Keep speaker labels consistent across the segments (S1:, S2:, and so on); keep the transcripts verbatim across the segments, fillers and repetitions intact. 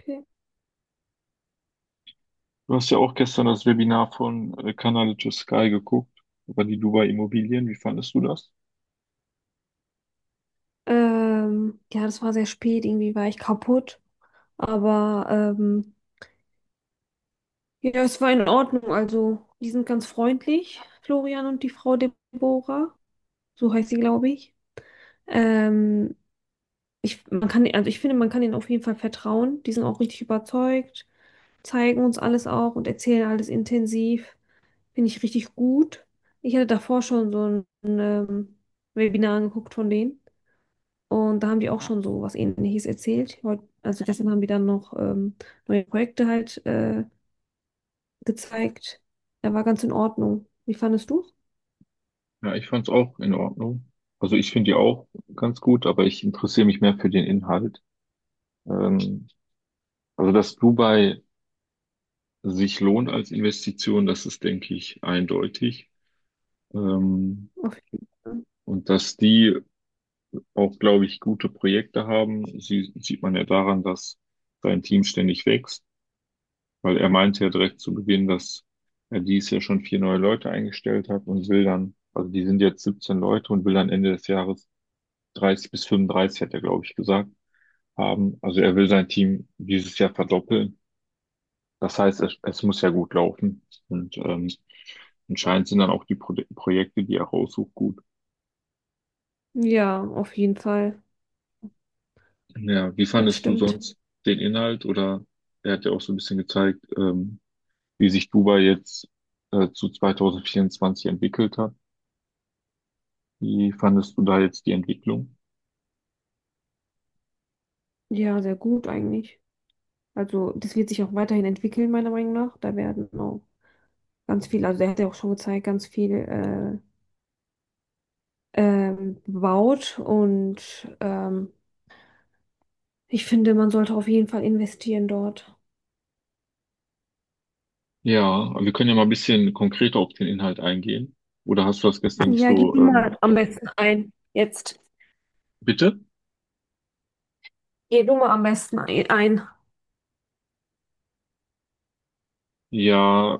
S1: Okay.
S2: Du hast ja auch gestern das Webinar von äh, Canal to Sky geguckt über die Dubai Immobilien. Wie fandest du das?
S1: Ähm, ja, das war sehr spät, irgendwie war ich kaputt. Aber ähm, ja, es war in Ordnung. Also, die sind ganz freundlich, Florian und die Frau Deborah. So heißt sie, glaube ich. Ähm, ich, man kann, also ich finde, man kann ihnen auf jeden Fall vertrauen. Die sind auch richtig überzeugt, zeigen uns alles auch und erzählen alles intensiv. Finde ich richtig gut. Ich hatte davor schon so ein, ähm, Webinar angeguckt von denen. Und da haben die auch schon so was Ähnliches erzählt. Heut, also gestern haben die dann noch ähm, neue Projekte halt äh, gezeigt. Er war ganz in Ordnung. Wie fandest du?
S2: Ja, ich fand es auch in Ordnung. Also ich finde die auch ganz gut, aber ich interessiere mich mehr für den Inhalt. Ähm, also dass Dubai sich lohnt als Investition, das ist, denke ich, eindeutig. Ähm,
S1: Auf jeden Fall.
S2: und dass die auch, glaube ich, gute Projekte haben, sie, sieht man ja daran, dass sein Team ständig wächst. Weil er meinte ja direkt zu Beginn, dass er dies Jahr schon vier neue Leute eingestellt hat und will dann, also die sind jetzt siebzehn Leute und will dann Ende des Jahres dreißig bis fünfunddreißig, hat er, glaube ich, gesagt, haben. Also er will sein Team dieses Jahr verdoppeln. Das heißt, es, es muss ja gut laufen. Und ähm, anscheinend sind dann auch die Pro Projekte, die er raussucht, gut.
S1: Ja, auf jeden Fall.
S2: Ja, wie
S1: Das
S2: fandest du
S1: stimmt.
S2: sonst den Inhalt? Oder er hat ja auch so ein bisschen gezeigt, ähm, wie sich Dubai jetzt äh, zu zweitausendvierundzwanzig entwickelt hat. Wie fandest du da jetzt die Entwicklung?
S1: Ja, sehr gut eigentlich. Also das wird sich auch weiterhin entwickeln, meiner Meinung nach. Da werden auch ganz viel, also der hat ja auch schon gezeigt, ganz viel äh, ähm, gebaut. Und ähm, ich finde, man sollte auf jeden Fall investieren dort.
S2: Ja, aber wir können ja mal ein bisschen konkreter auf den Inhalt eingehen. Oder hast du das gestern nicht
S1: Ja, gib
S2: so,
S1: mir
S2: ähm,
S1: mal am besten ein. Jetzt.
S2: Bitte?
S1: Geh du mal am besten ei- ein.
S2: Ja,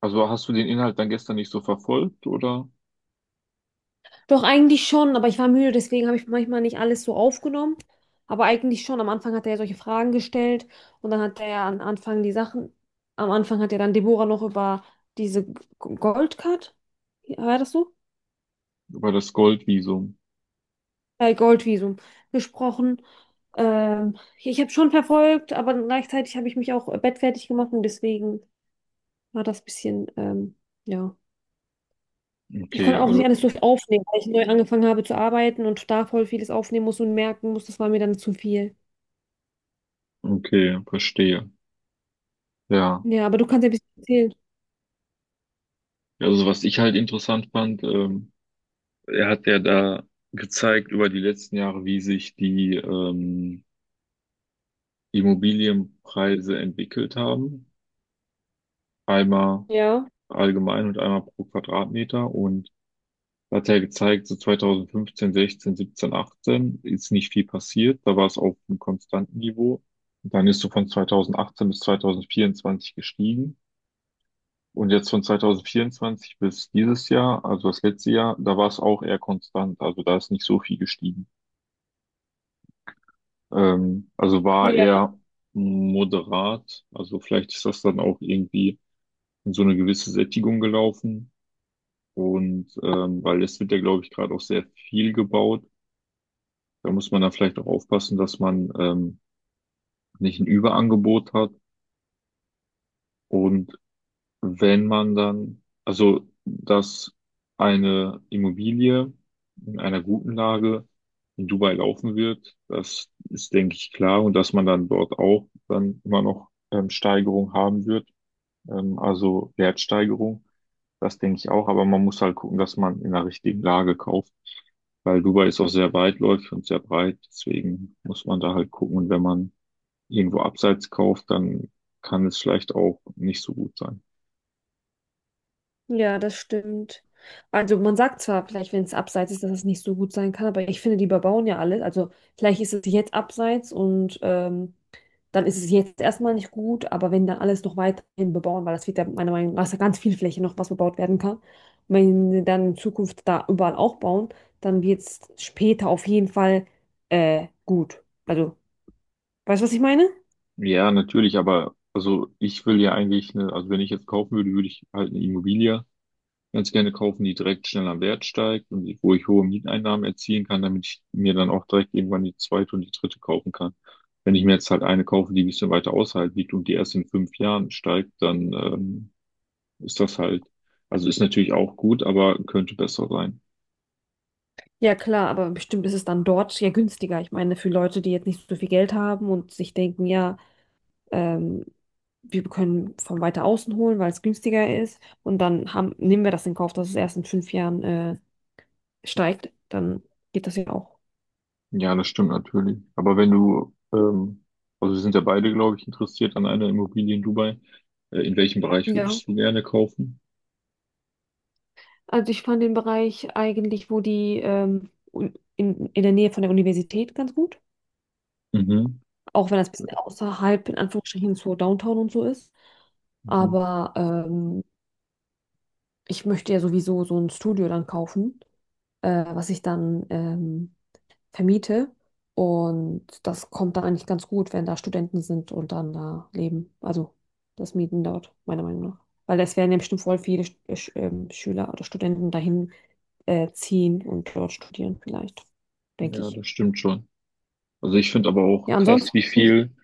S2: also hast du den Inhalt dann gestern nicht so verfolgt oder
S1: Doch, eigentlich schon, aber ich war müde, deswegen habe ich manchmal nicht alles so aufgenommen. Aber eigentlich schon. Am Anfang hat er ja solche Fragen gestellt und dann hat er ja am Anfang die Sachen. Am Anfang hat ja dann Deborah noch über diese G- Goldcard, war das so?
S2: über das Goldvisum?
S1: Äh, Goldvisum gesprochen. Ähm, ich habe schon verfolgt, aber gleichzeitig habe ich mich auch bettfertig gemacht und deswegen war das bisschen, ähm, ja. Ich
S2: Okay,
S1: konnte auch nicht alles
S2: also,
S1: durch aufnehmen, weil ich neu angefangen habe zu arbeiten und da voll vieles aufnehmen muss und merken muss, das war mir dann zu viel.
S2: okay, verstehe. Ja,
S1: Ja, aber du kannst ja ein bisschen erzählen.
S2: also was ich halt interessant fand, ähm, er hat ja da gezeigt über die letzten Jahre, wie sich die ähm, Immobilienpreise entwickelt haben. Einmal
S1: Ja,
S2: allgemein und einmal pro Quadratmeter. Und da hat er gezeigt, so zweitausendfünfzehn, sechzehn, siebzehn, achtzehn ist nicht viel passiert. Da war es auf einem konstanten Niveau. Und dann ist so von zweitausendachtzehn bis zweitausendvierundzwanzig gestiegen. Und jetzt von zweitausendvierundzwanzig bis dieses Jahr, also das letzte Jahr, da war es auch eher konstant. Also da ist nicht so viel gestiegen. Ähm, also war
S1: ja,
S2: eher moderat. Also vielleicht ist das dann auch irgendwie in so eine gewisse Sättigung gelaufen. Und ähm, weil es wird ja, glaube ich, gerade auch sehr viel gebaut. Da muss man dann vielleicht auch aufpassen, dass man ähm, nicht ein Überangebot hat. Und wenn man dann, also dass eine Immobilie in einer guten Lage in Dubai laufen wird, das ist, denke ich, klar. Und dass man dann dort auch dann immer noch ähm, Steigerung haben wird, ähm, also Wertsteigerung. Das denke ich auch, aber man muss halt gucken, dass man in der richtigen Lage kauft, weil Dubai ist auch sehr weitläufig und sehr breit, deswegen muss man da halt gucken. Und wenn man irgendwo abseits kauft, dann kann es vielleicht auch nicht so gut sein.
S1: ja, das stimmt. Also man sagt zwar vielleicht, wenn es abseits ist, dass es nicht so gut sein kann, aber ich finde, die überbauen ja alles. Also vielleicht ist es jetzt abseits und ähm, dann ist es jetzt erstmal nicht gut, aber wenn dann alles noch weiterhin bebauen, weil das wird ja meiner Meinung nach ist ja ganz viel Fläche noch, was bebaut werden kann, wenn sie dann in Zukunft da überall auch bauen, dann wird es später auf jeden Fall äh, gut. Also, weißt du, was ich meine?
S2: Ja, natürlich, aber also ich will ja eigentlich eine, also wenn ich jetzt kaufen würde, würde ich halt eine Immobilie ganz gerne kaufen, die direkt schnell am Wert steigt und wo ich hohe Mieteinnahmen erzielen kann, damit ich mir dann auch direkt irgendwann die zweite und die dritte kaufen kann. Wenn ich mir jetzt halt eine kaufe, die ein bisschen weiter außerhalb liegt und die erst in fünf Jahren steigt, dann ähm, ist das halt, also ist natürlich auch gut, aber könnte besser sein.
S1: Ja, klar, aber bestimmt ist es dann dort ja günstiger. Ich meine, für Leute, die jetzt nicht so viel Geld haben und sich denken, ja, ähm, wir können von weiter außen holen, weil es günstiger ist. Und dann haben, nehmen wir das in Kauf, dass es erst in fünf Jahren äh, steigt. Dann geht das ja auch.
S2: Ja, das stimmt natürlich. Aber wenn du, ähm, also wir sind ja beide, glaube ich, interessiert an einer Immobilie in Dubai. Äh, in welchem Bereich
S1: Ja,
S2: würdest du gerne kaufen?
S1: also ich fand den Bereich eigentlich, wo die ähm, un- in, in der Nähe von der Universität ganz gut,
S2: Mhm.
S1: auch wenn das ein bisschen außerhalb in Anführungsstrichen so Downtown und so ist.
S2: Mhm.
S1: Aber ähm, ich möchte ja sowieso so ein Studio dann kaufen, äh, was ich dann ähm, vermiete. Und das kommt dann eigentlich ganz gut, wenn da Studenten sind und dann da leben. Also das Mieten dort, meiner Meinung nach. Weil es werden ja bestimmt voll viele Sch- äh, Sch- ähm, Schüler oder Studenten dahin äh, ziehen und dort studieren, vielleicht, denke
S2: Ja,
S1: ich.
S2: das stimmt schon. Also ich finde aber auch
S1: Ja,
S2: krass,
S1: ansonsten
S2: wie
S1: nicht
S2: viel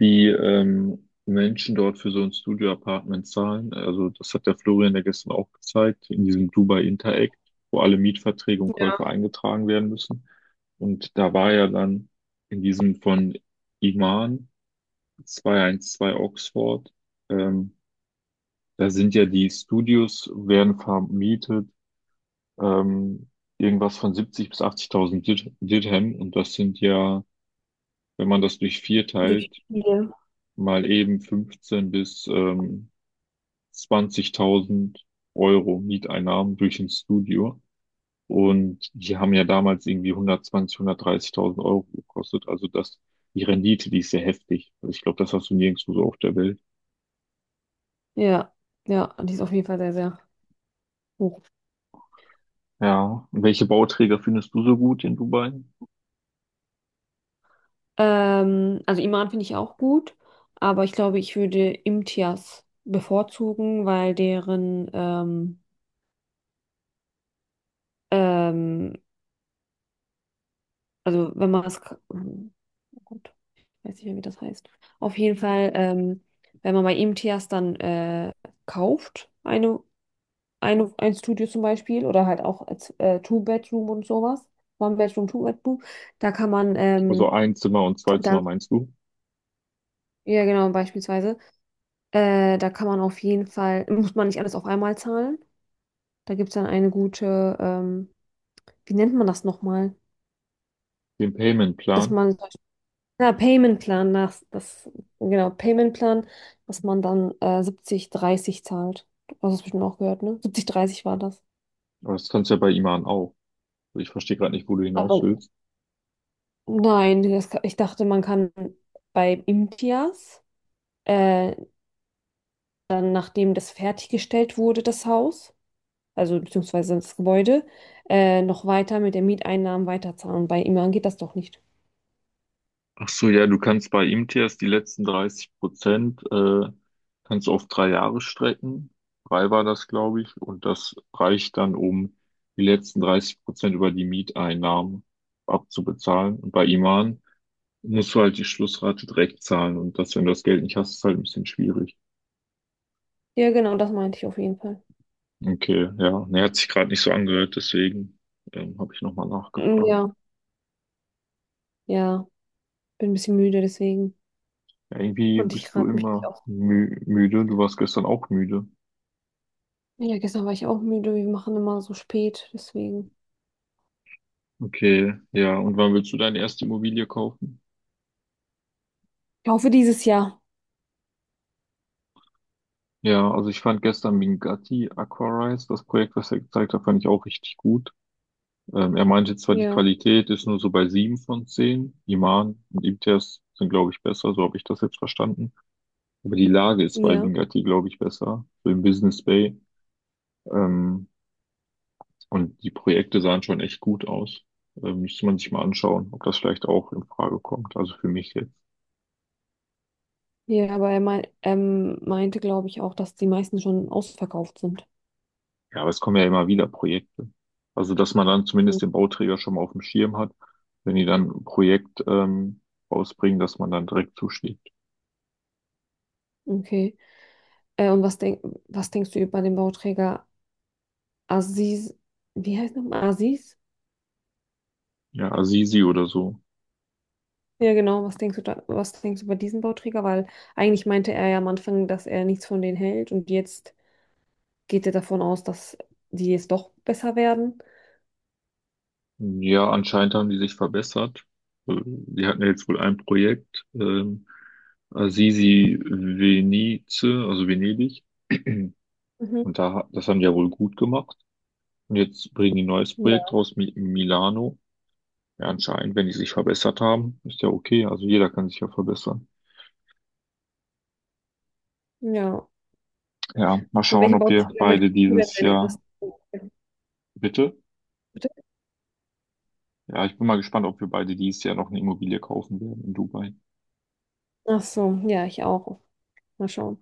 S2: die ähm, Menschen dort für so ein Studio-Apartment zahlen. Also das hat der Florian ja gestern auch gezeigt, in diesem Dubai Interact, wo alle Mietverträge und Käufe
S1: mehr
S2: eingetragen werden müssen. Und da war ja dann in diesem von Iman zweihundertzwölf Oxford, ähm, da sind ja die Studios, werden vermietet, ähm, irgendwas von siebzig bis achtzigtausend Dir- Dirham. Und das sind ja, wenn man das durch vier
S1: durch
S2: teilt,
S1: viele.
S2: mal eben fünfzehn bis ähm, zwanzigtausend Euro Mieteinnahmen durch ein Studio. Und die haben ja damals irgendwie hundertzwanzig, hundertdreißigtausend Euro gekostet. Also das, die Rendite, die ist sehr heftig. Also ich glaube, das hast du nirgendwo so auf der Welt.
S1: Ja, ja, die ist auf jeden Fall sehr, sehr hoch.
S2: Ja. Und welche Bauträger findest du so gut in Dubai?
S1: Ähm, also Iman finde ich auch gut, aber ich glaube, ich würde Imtiaz bevorzugen, weil deren ähm, ähm, also wenn man es, hm, oh Gott, weiß nicht mehr, wie das heißt. Auf jeden Fall, ähm, wenn man bei ihm Tias dann äh, kauft, eine, eine, ein Studio zum Beispiel, oder halt auch als, äh, Two-Bedroom und sowas, One-Bedroom, Two-Bedroom, da kann man
S2: Also
S1: ähm,
S2: ein Zimmer und zwei
S1: dann,
S2: Zimmer meinst du?
S1: ja genau, beispielsweise, äh, da kann man auf jeden Fall, muss man nicht alles auf einmal zahlen. Da gibt es dann eine gute, ähm, wie nennt man das nochmal?
S2: Den
S1: Dass
S2: Payment-Plan.
S1: man Ja, Payment-Plan nach, das, genau, Payment-Plan, dass man dann äh, siebzig, dreißig zahlt. Du hast es bestimmt auch gehört, ne? Siebzig dreißig war das.
S2: Aber das kannst du ja bei Iman auch. Also ich verstehe gerade nicht, wo du hinaus
S1: Aber
S2: willst.
S1: nein, das, ka- ich dachte, man kann bei Imtias, äh, dann nachdem das fertiggestellt wurde, das Haus, also beziehungsweise das Gebäude, äh, noch weiter mit den Mieteinnahmen weiterzahlen. Bei Iman geht das doch nicht.
S2: Ach so, ja, du kannst bei I M T S die letzten dreißig Prozent, äh, kannst du auf drei Jahre strecken. Drei war das, glaube ich. Und das reicht dann, um die letzten dreißig Prozent über die Mieteinnahmen abzubezahlen. Und bei Iman musst du halt die Schlussrate direkt zahlen. Und das, wenn du das Geld nicht hast, ist halt ein bisschen schwierig.
S1: Ja, genau, das meinte ich auf jeden Fall.
S2: Okay, ja. Ne, hat sich gerade nicht so angehört, deswegen, ähm, habe ich nochmal
S1: Mm,
S2: nachgefragt.
S1: ja, ja, bin ein bisschen müde, deswegen
S2: Ja, irgendwie
S1: konnte ich
S2: bist du
S1: gerade mich nicht.
S2: immer mü müde. Du warst gestern auch müde.
S1: Ja, gestern war ich auch müde. Wir machen immer so spät, deswegen.
S2: Okay, ja. Und wann willst du deine erste Immobilie kaufen?
S1: Ich hoffe, dieses Jahr.
S2: Ja, also ich fand gestern Mingati Aquarise, das Projekt, was er gezeigt hat, fand ich auch richtig gut. Ähm, er meinte zwar, die
S1: Ja,
S2: Qualität ist nur so bei sieben von zehn. Iman und Imtiaz sind, glaube ich, besser, so habe ich das jetzt verstanden. Aber die Lage ist bei
S1: ja.
S2: Mingati glaube ich, besser, so im Business Bay. Ähm, und die Projekte sahen schon echt gut aus. Ähm, müsste man sich mal anschauen, ob das vielleicht auch in Frage kommt. Also für mich jetzt.
S1: Ja, aber er mein, ähm, meinte, glaube ich, auch, dass die meisten schon ausverkauft sind.
S2: Ja, aber es kommen ja immer wieder Projekte. Also, dass man dann
S1: Hm,
S2: zumindest den Bauträger schon mal auf dem Schirm hat, wenn die dann ein Projekt ähm, rausbringen, dass man dann direkt zuschlägt.
S1: okay. Äh, und was, denk, was denkst du über den Bauträger Aziz? Wie heißt nochmal? Aziz?
S2: Ja, Assisi oder so.
S1: Ja, genau. Was denkst du da, was denkst du über diesen Bauträger? Weil eigentlich meinte er ja am Anfang, dass er nichts von denen hält und jetzt geht er davon aus, dass die jetzt doch besser werden.
S2: Ja, anscheinend haben die sich verbessert. Äh, Die hatten ja jetzt wohl ein Projekt, ähm, Assisi Venice, also Venedig.
S1: Mhm.
S2: Und da, ha- das haben die ja wohl gut gemacht. Und jetzt bringen die ein neues Projekt
S1: Ja.
S2: raus, Mi Milano. Ja, anscheinend, wenn die sich verbessert haben, ist ja okay. Also jeder kann sich ja verbessern.
S1: Ja,
S2: Ja, mal
S1: von
S2: schauen,
S1: welchem
S2: ob wir
S1: Bauträger
S2: beide
S1: möchtest du denn
S2: dieses
S1: deine erste?
S2: Jahr, bitte.
S1: Bitte?
S2: Ja, ich bin mal gespannt, ob wir beide dieses Jahr noch eine Immobilie kaufen werden in Dubai.
S1: Ach so, ja, ich auch. Mal schauen.